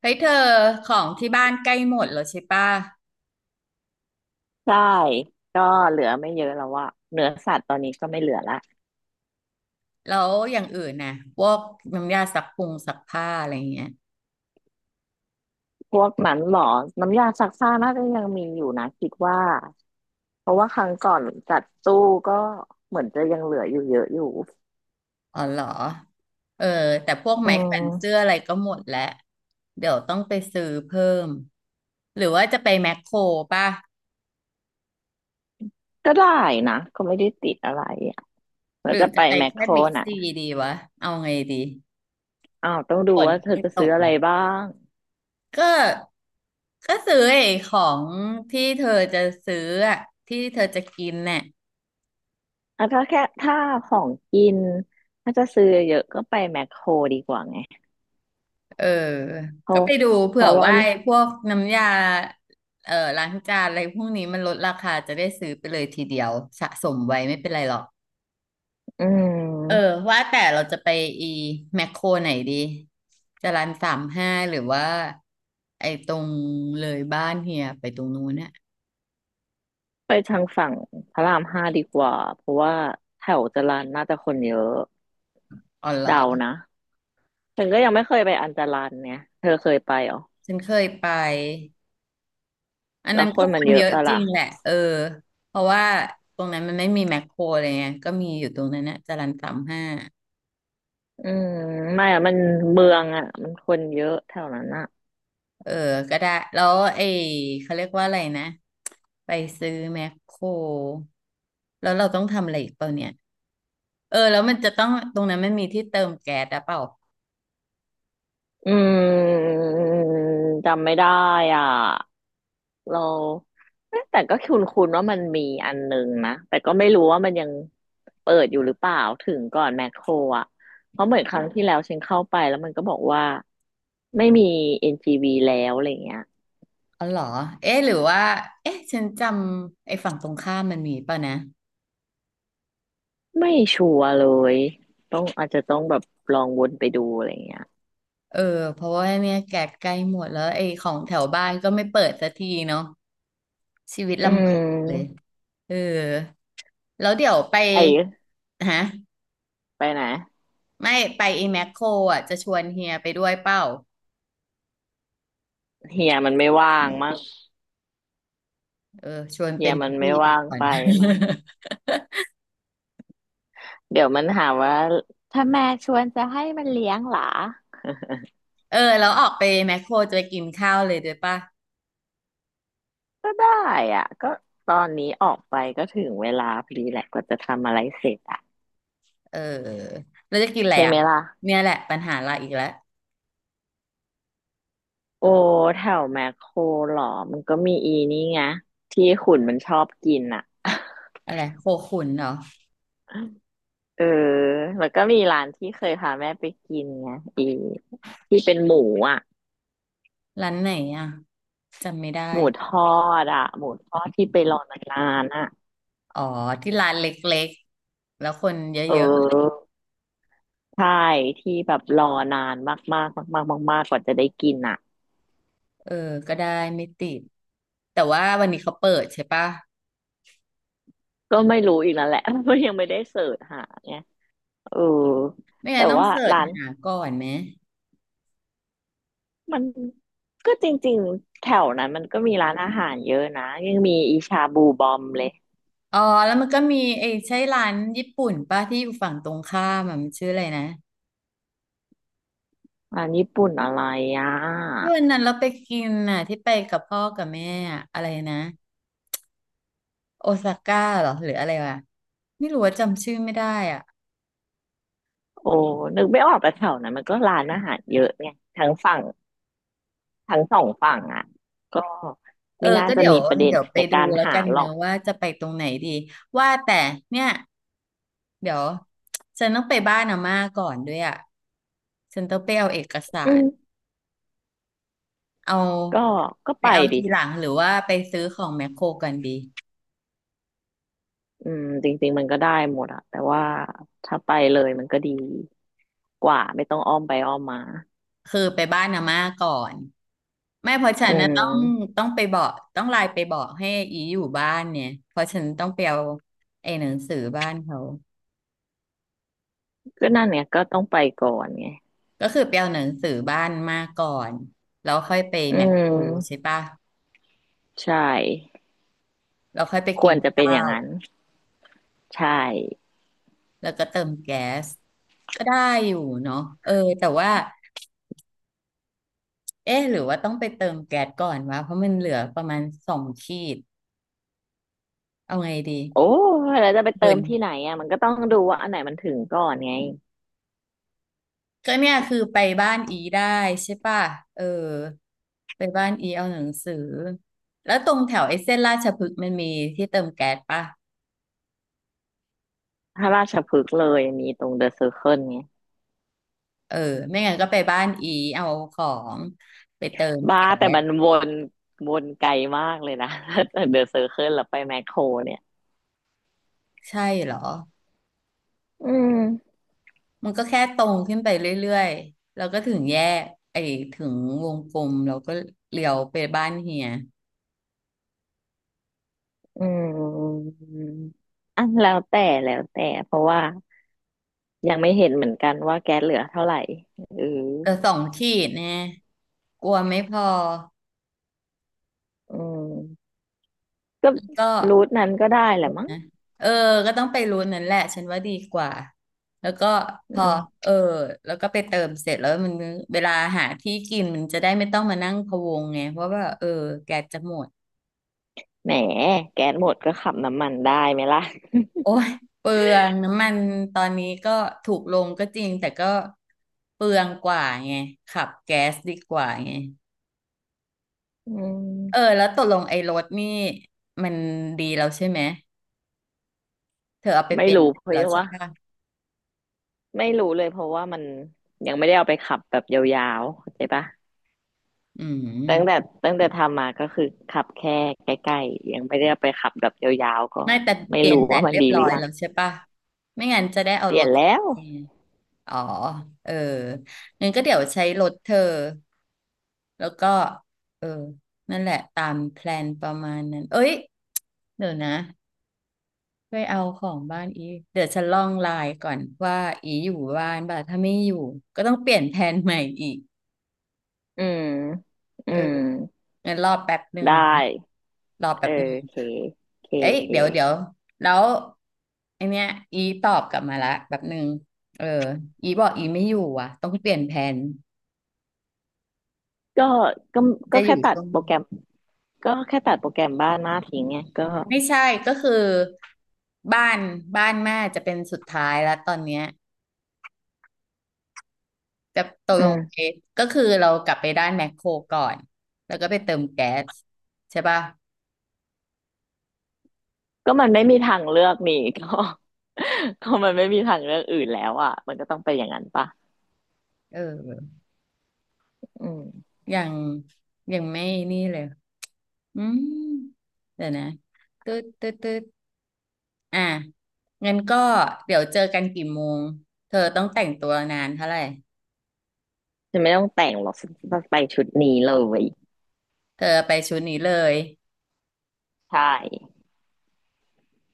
เฮ้ยเธอของที่บ้านใกล้หมดแล้วใช่ป่ะใช่ก็เหลือไม่เยอะแล้วอะเนื้อสัตว์ตอนนี้ก็ไม่เหลือละแล้วอย่างอื่นน่ะพวกน้ำยาซักผงซักผ้าอะไรเงี้ยพวกหมันหมอน้ำยาซักผ้าน่าจะยังมีอยู่นะคิดว่าเพราะว่าครั้งก่อนจัดตู้ก็เหมือนจะยังเหลืออยู่เยอะอยู่อ๋อเหรอเออแต่พวกอืไม้แขวนเสื้มออะไรก็หมดแล้วเดี๋ยวต้องไปซื้อเพิ่มหรือว่าจะไปแมคโครป่ะก็ได้นะก็ไม่ได้ติดอะไรอะหเรารือจะไปจะไปแมคโคแค่รบิ๊กนะซีดีวะเอาไงดีอ้าวต้องดูฝนว่าเธอจะจะตซื้อกอะไรแล้วบ้างก็ก็ซื้อไอ้ของที่เธอจะซื้ออะที่เธอจะกินน่ะ อ่ะถ้าแค่ถ้าของกินถ้าจะซื้อเยอะก็ไปแมคโครดีกว่าไงเออเพก็ราะไปดูเพเผื่อราะว่าว่าไอ้พวกน้ำยาเออล้างจานอะไรพวกนี้มันลดราคาจะได้ซื้อไปเลยทีเดียวสะสมไว้ไม่เป็นไรหรอกอืเออม ว่าแต่เราจะไปอีแมคโครไหนดีจะร้านสามห้าหรือว่าไอ้ตรงเลยบ้านเฮียไปตรงนู้นน่ะไปทางฝั่งพระรามห้าดีกว่า เพราะว่าแถวจรัญน่าจะคนเยอะอ๋อเหรอ เดานะฉันก็ยังไม่เคยไปอันจรัญเนี่ยเธอเคยไปเหรอฉันเคยไป อันแล้นั้วนคก็นคมันนเยเยอะอะปะจริล่ะงแหละเออเพราะว่าตรงนั้นมันไม่มีแมคโครอะไรเงี้ยก็มีอยู่ตรงนั้นนะจรัญ 35 อืมไม่อะมันเมืองอะมันคนเยอะแถวนั้นอะเออก็ได้แล้วไอ้เขาเรียกว่าอะไรนะไปซื้อแมคโครแล้วเราต้องทำอะไรอีกเปล่าเนี่ยเออแล้วมันจะต้องตรงนั้นมันมีที่เติมแก๊สหรือเปล่าอืมจำไม่ได้อ่ะเราเอ๊ะแต่ก็คุ้นคุว่ามันมีอันหนึ่งนะแต่ก็ไม่รู้ว่ามันยังเปิดอยู่หรือเปล่าถึงก่อนแมคโครอ่ะเพราะเหมือนครั้งที่แล้วฉันเข้าไปแล้วมันก็บอกว่า ไม่มี NGV แล้วอะไรเงี้ยอ๋อเหรอเอ๊ะหรือว่าเอ๊ะฉันจำไอ้ฝั่งตรงข้ามมันมีเปล่านะไม่ชัวร์เลยต้องอาจจะต้องแบบลองวนไปดูอะไรเงี้ยเออเพราะว่าเนี่ยแก๊สใกล้หมดแล้วไอ้ของแถวบ้านก็ไม่เปิดสักทีเนาะชีวิตอืลำบากเลยมเออแล้วเดี๋ยวไปไอ้ฮะไปไหนไม่ไปไอ้แมคโครอ่ะจะชวนเฮียไปด้วยเปล่า เฮียมันไม่ว่างมั้งเออชวนเฮีเป็ยนมันพี่ไม่ไปว่างก่อน ไปมั้งเดี๋ยวมันหาว่าถ้าแม่ชวนจะให้มันเลี้ยงหรอ เออแล้วออกไปแมคโครจะไปกินข้าวเลยด้วยป่ะก็ได้อ่ะก็ตอนนี้ออกไปก็ถึงเวลาพอดีแหละกว่าจะทำอะไรเสร็จอ่ะเออแล้วจะกินอะไรใช่ไหอ่ะมล่ะเนี่ยแหละปัญหาเราอีกแล้วโอ้แถวแมคโครหรอมันก็มีอีนี่ไงที่ขุนมันชอบกินอ่ะ อะไรโคขุนเหรอเออแล้วก็มีร้านที่เคยพาแม่ไปกินไงอีที่เป็นหมูอ่ะร้านไหนอ่ะจำไม่ได้หมูทอดอ่ะหมูทอดที่ไปรอนานๆอ่ะอ๋อที่ร้านเล็กๆแล้วคนเยเออะอใช่ที่แบบรอนานมากๆมากๆมากๆมากกว่าจะได้กินอ่ะๆเออก็ได้ไม่ติดแต่ว่าวันนี้เขาเปิดใช่ป่ะก็ไม่รู้อีกนั่นแหละ เพราะยังไม่ได้เสิร์ชหาไงเออไม่แต่งั้นต้องว่าเสิร์ชร้านหาก่อนไหมมันก็จริงๆแถวนั้นมันก็มีร้านอาหารเยอะนะยังมีอีชาบูบอมเลยอ๋อแล้วมันก็มีไอ้ใช่ร้านญี่ปุ่นป่ะที่อยู่ฝั่งตรงข้ามอะมันชื่ออะไรนะ ร้านญี่ปุ่นอะไรอ่ที่ะ วันนั้นเราไปกินน่ะที่ไปกับพ่อกับแม่อะอะไรนะโอซาก้าเหรอหรืออะไรวะไม่รู้ว่าจำชื่อไม่ได้อ่ะโอ้นึกไม่ออกแต่แถวนั้นมันก็ร้านอาหารเยอะไงทั้งฝั่งทั้งสองฝั่งอ่ะก็เออไม่น่าก็จะเดี๋ยวมีประเด็นเดี๋ยวไปในดูการแล้วหากันหรเนออะกว่าจะไปตรงไหนดีว่าแต่เนี่ยเดี๋ยวฉันต้องไปบ้านอาม่าก่อนด้วยอ่ะฉันต้องไปเอาเอกสาอืรมเอาก็ก็ไปไปเอาดิทีหลังหรือว่าไปซื้อของแมคโครกันดี อืมจริงๆมันก็ได้หมดอะแต่ว่าถ้าไปเลยมันก็ดีกว่าไม่ต้องอ้อมไปอ้อมมาคือไปบ้านอาม่าก่อนไม่เพราะฉัอืนนะต้องมต้องไปบอกต้องไลน์ไปบอกให้อีอยู่บ้านเนี่ยเพราะฉันต้องไปเอาไอ้หนังสือบ้านเขาก็นั่นเนี่ยก็ต้องไปก่อนไงก็คือไปเอาหนังสือบ้านมาก่อนแล้วค่อยไปอืแมคโครใช่มปะใช่แล้วค่อยไปคกิวนรจะเป็นข้าอย่างวนั้นใช่แล้วก็เติมแก๊สก็ได้อยู่เนาะเออแต่ว่าเอ๊ะหรือว่าต้องไปเติมแก๊สก่อนวะเพราะมันเหลือประมาณสองขีดเอาไงดีโอ้แล้วจะไปหเติมื่มน ที่ไหนอ่ะมันก็ต้องดูว่าอันไหนมันถึงก่อนไง ก็เนี่ยคือไปบ้านอีได้ใช่ป่ะเออไปบ้านอีเอาหนังสือแล้วตรงแถวไอ้เส้นราชพฤกษ์มันมีที่เติมแก๊สป่ะถ้าราชพฤกษ์เลยมีตรงเดอะเซอร์เคิลไงเออไม่งั้นก็ไปบ้านอีเอาของไปเติมบ้าแก๊แต่สมันวนวนไกลมากเลยนะ ถ้าจากเดอะเซอร์เคิลแล้วไปแมคโครเนี่ยใช่เหรออืมมันก็แค่ตรงขึ้นไปเรื่อยๆแล้วก็ถึงแยกไอ้ถึงวงกลมแล้วก็เลี้ยวไปบ้านเฮียอืมอันแล้วแต่แล้วแต่เพราะว่ายังไม่เห็นเหมือนกันว่าแก๊สเหลือเท่าไหร่เออแต่สองขีดแน่กลัวไม่พออืมก็แล้วก็ รูทนั้นก็ได้แหละมั้งนะเออก็ต้องไปรู้นั่นแหละฉันว่าดีกว่า แล้วก็พอือมเออแล้วก็ไปเติมเสร็จแล้วมันเวลาหาที่กินมันจะได้ไม่ต้องมานั่งพะวงไง เพราะว่าเออแกสจะหมดแหมแก๊สหมดก็ขับน้ำมันได้ไหมล่ะโอ้ยเปลืองน้ำมันตอนนี้ก็ถูกลงก็จริงแต่ก็เปลืองกว่าไงขับแก๊สดีกว่าไงอืเออมแล้วตกลงไอ้รถนี่มันดีแล้วใช่ไหม เธอเอาไปเปไม่ลี่ยนรู้เพแล้วราะใช่ว่าปะไม่รู้เลยเพราะว่ามันยังไม่ได้เอาไปขับแบบยาวๆเข้าใจปะ อืตั้งแต่ม ตั้งแต่ทำมาก็คือขับแค่ใกล้ๆยังไม่ได้ไปขับแบบยาวๆก็ไม่แต่ไม่เปลี่ยนรู้แบว่าตมันเรียบดีหร้รือยอยังแล้วใช่ปะไม่งั้นจะได้เอาเปรลี่ยนถแล้วเอออ๋อเอองั้นก็เดี๋ยวใช้รถเธอแล้วก็เออนั่นแหละตามแพลนประมาณนั้นเอ้ยเดี๋ยวนะไปเอาของบ้านอีเดี๋ยวฉันลองไลน์ก่อนว่าอีอยู่บ้านบ่าถ้าไม่อยู่ก็ต้องเปลี่ยนแผนใหม่อีกอืมอืเออมงั้นรอแป๊บหนึ่งได้นะรอแป๊เออบหนึ่ง โอเคโอเคเอ้โอยเคเดี๋ยวเดี๋ยวแล้วไอเนี้ยอีตอบกลับมาละแบบหนึ่งเอออีบอกอีไม่อยู่อ่ะต้องเปลี่ยนแผนก็ก็จะก็อแค่ยู่ตัดช่วงโปรแกรมก็แค่ตัดโปรแกรมบ้านมาทิ้งไงก็ไม่ใช่ก็คือบ้านบ้านแม่จะเป็นสุดท้ายแล้วตอนเนี้ยจะตกอืลงไปมก็คือเรากลับไปด้านแมคโครก่อนแล้วก็ไปเติมแก๊สใช่ป่ะก็มันไม่มีทางเลือกนี่ก็ ก็มันไม่มีทางเลือกอื่นแล้วอ่ะมันก็ต้องเป็นอย่างนั้นปะเอออืมยังยังไม่นี่เลยอืมเดี๋ยวนะตึ๊ดตึ๊ดตึ๊ด อ่ะงั้นก็เดี๋ยวเจอกันกี่โมงเธอต้องแต่งตัวนานเท่าไหร่ฉันไม่ต้องแต่งหรอกฉันจะไปชุดนี้เลยเธอไปชุดนี้เลยใช่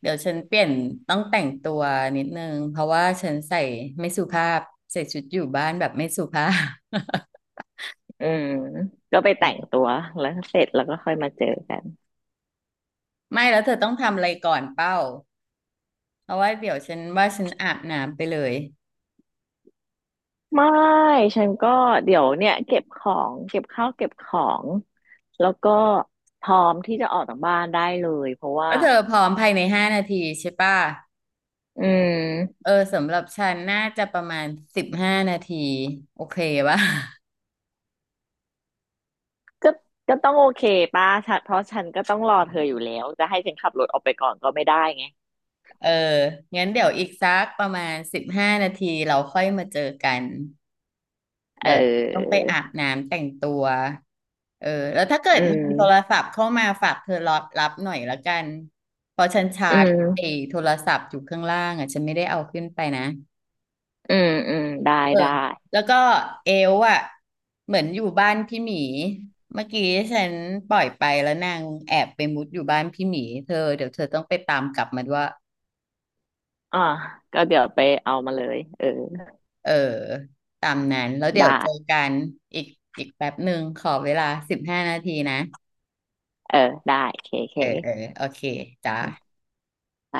เดี๋ยวฉันเปลี่ยนต้องแต่งตัวนิดนึงเพราะว่าฉันใส่ไม่สุภาพใส่ชุดอยู่บ้านแบบไม่สุภาพ อืมก็ไปแต่งตัวแล้วเสร็จแล้วก็ค่อยมาเจอกันไม่แล้วเธอต้องทำอะไรก่อนเป้าเพราะว่าเดี๋ยวฉันว่าฉันอาบน้ำไปเลยไม่ฉันก็เดี๋ยวเนี่ยเก็บของเก็บข้าวเก็บของแล้วก็พร้อมที่จะออกจากบ้านได้เลยเพราะว่าแล้วเธอพร้อมภายในห้านาทีใช่ป่ะอืเอมอสำหรับฉันน่าจะประมาณสิบห้านาทีโอเคป่ะ ก็ก็ต้องโอเคป้าฉันเพราะฉันก็ต้องรอเธออยู่แล้วจะให้ฉันขับรถออกไปก่อนก็ไม่ได้ไงเอองั้นเดี๋ยวอีกสักประมาณสิบห้านาทีเราค่อยมาเจอกัน เเดี๋ยวต้องไปอออาบน้ำแต่งตัวเออแล้วถ้าเกิอืดมีโทรมศัพท์เข้ามาฝากเธอรับรับหน่อยละกันเพราะฉันชาอืร์จไอ้มโทรศัพท์อยู่ข้างล่างอ่ะฉันไม่ได้เอาขึ้นไปนะ อืมอืมได้เออ ได้แล้วก็เอลอ่ะเหมือนอยู่บ้านพี่หมี เมื่อกี้ฉันปล่อยไปแล้วนางแอบไปมุดอยู่บ้านพี่หมีเธอเดี๋ยวเธอต้องไปตามกลับมาด้วย อ่าก็เดี๋ยวไปเอามาเลยเออเออตามนั้นแล้วเดี๋ได้ยวเจอกันอีกอีกแป๊บหนึ่งขอเวลาสิบห้านาทีนะเออได้เคเคเออเออโอเคจ้าอืมไป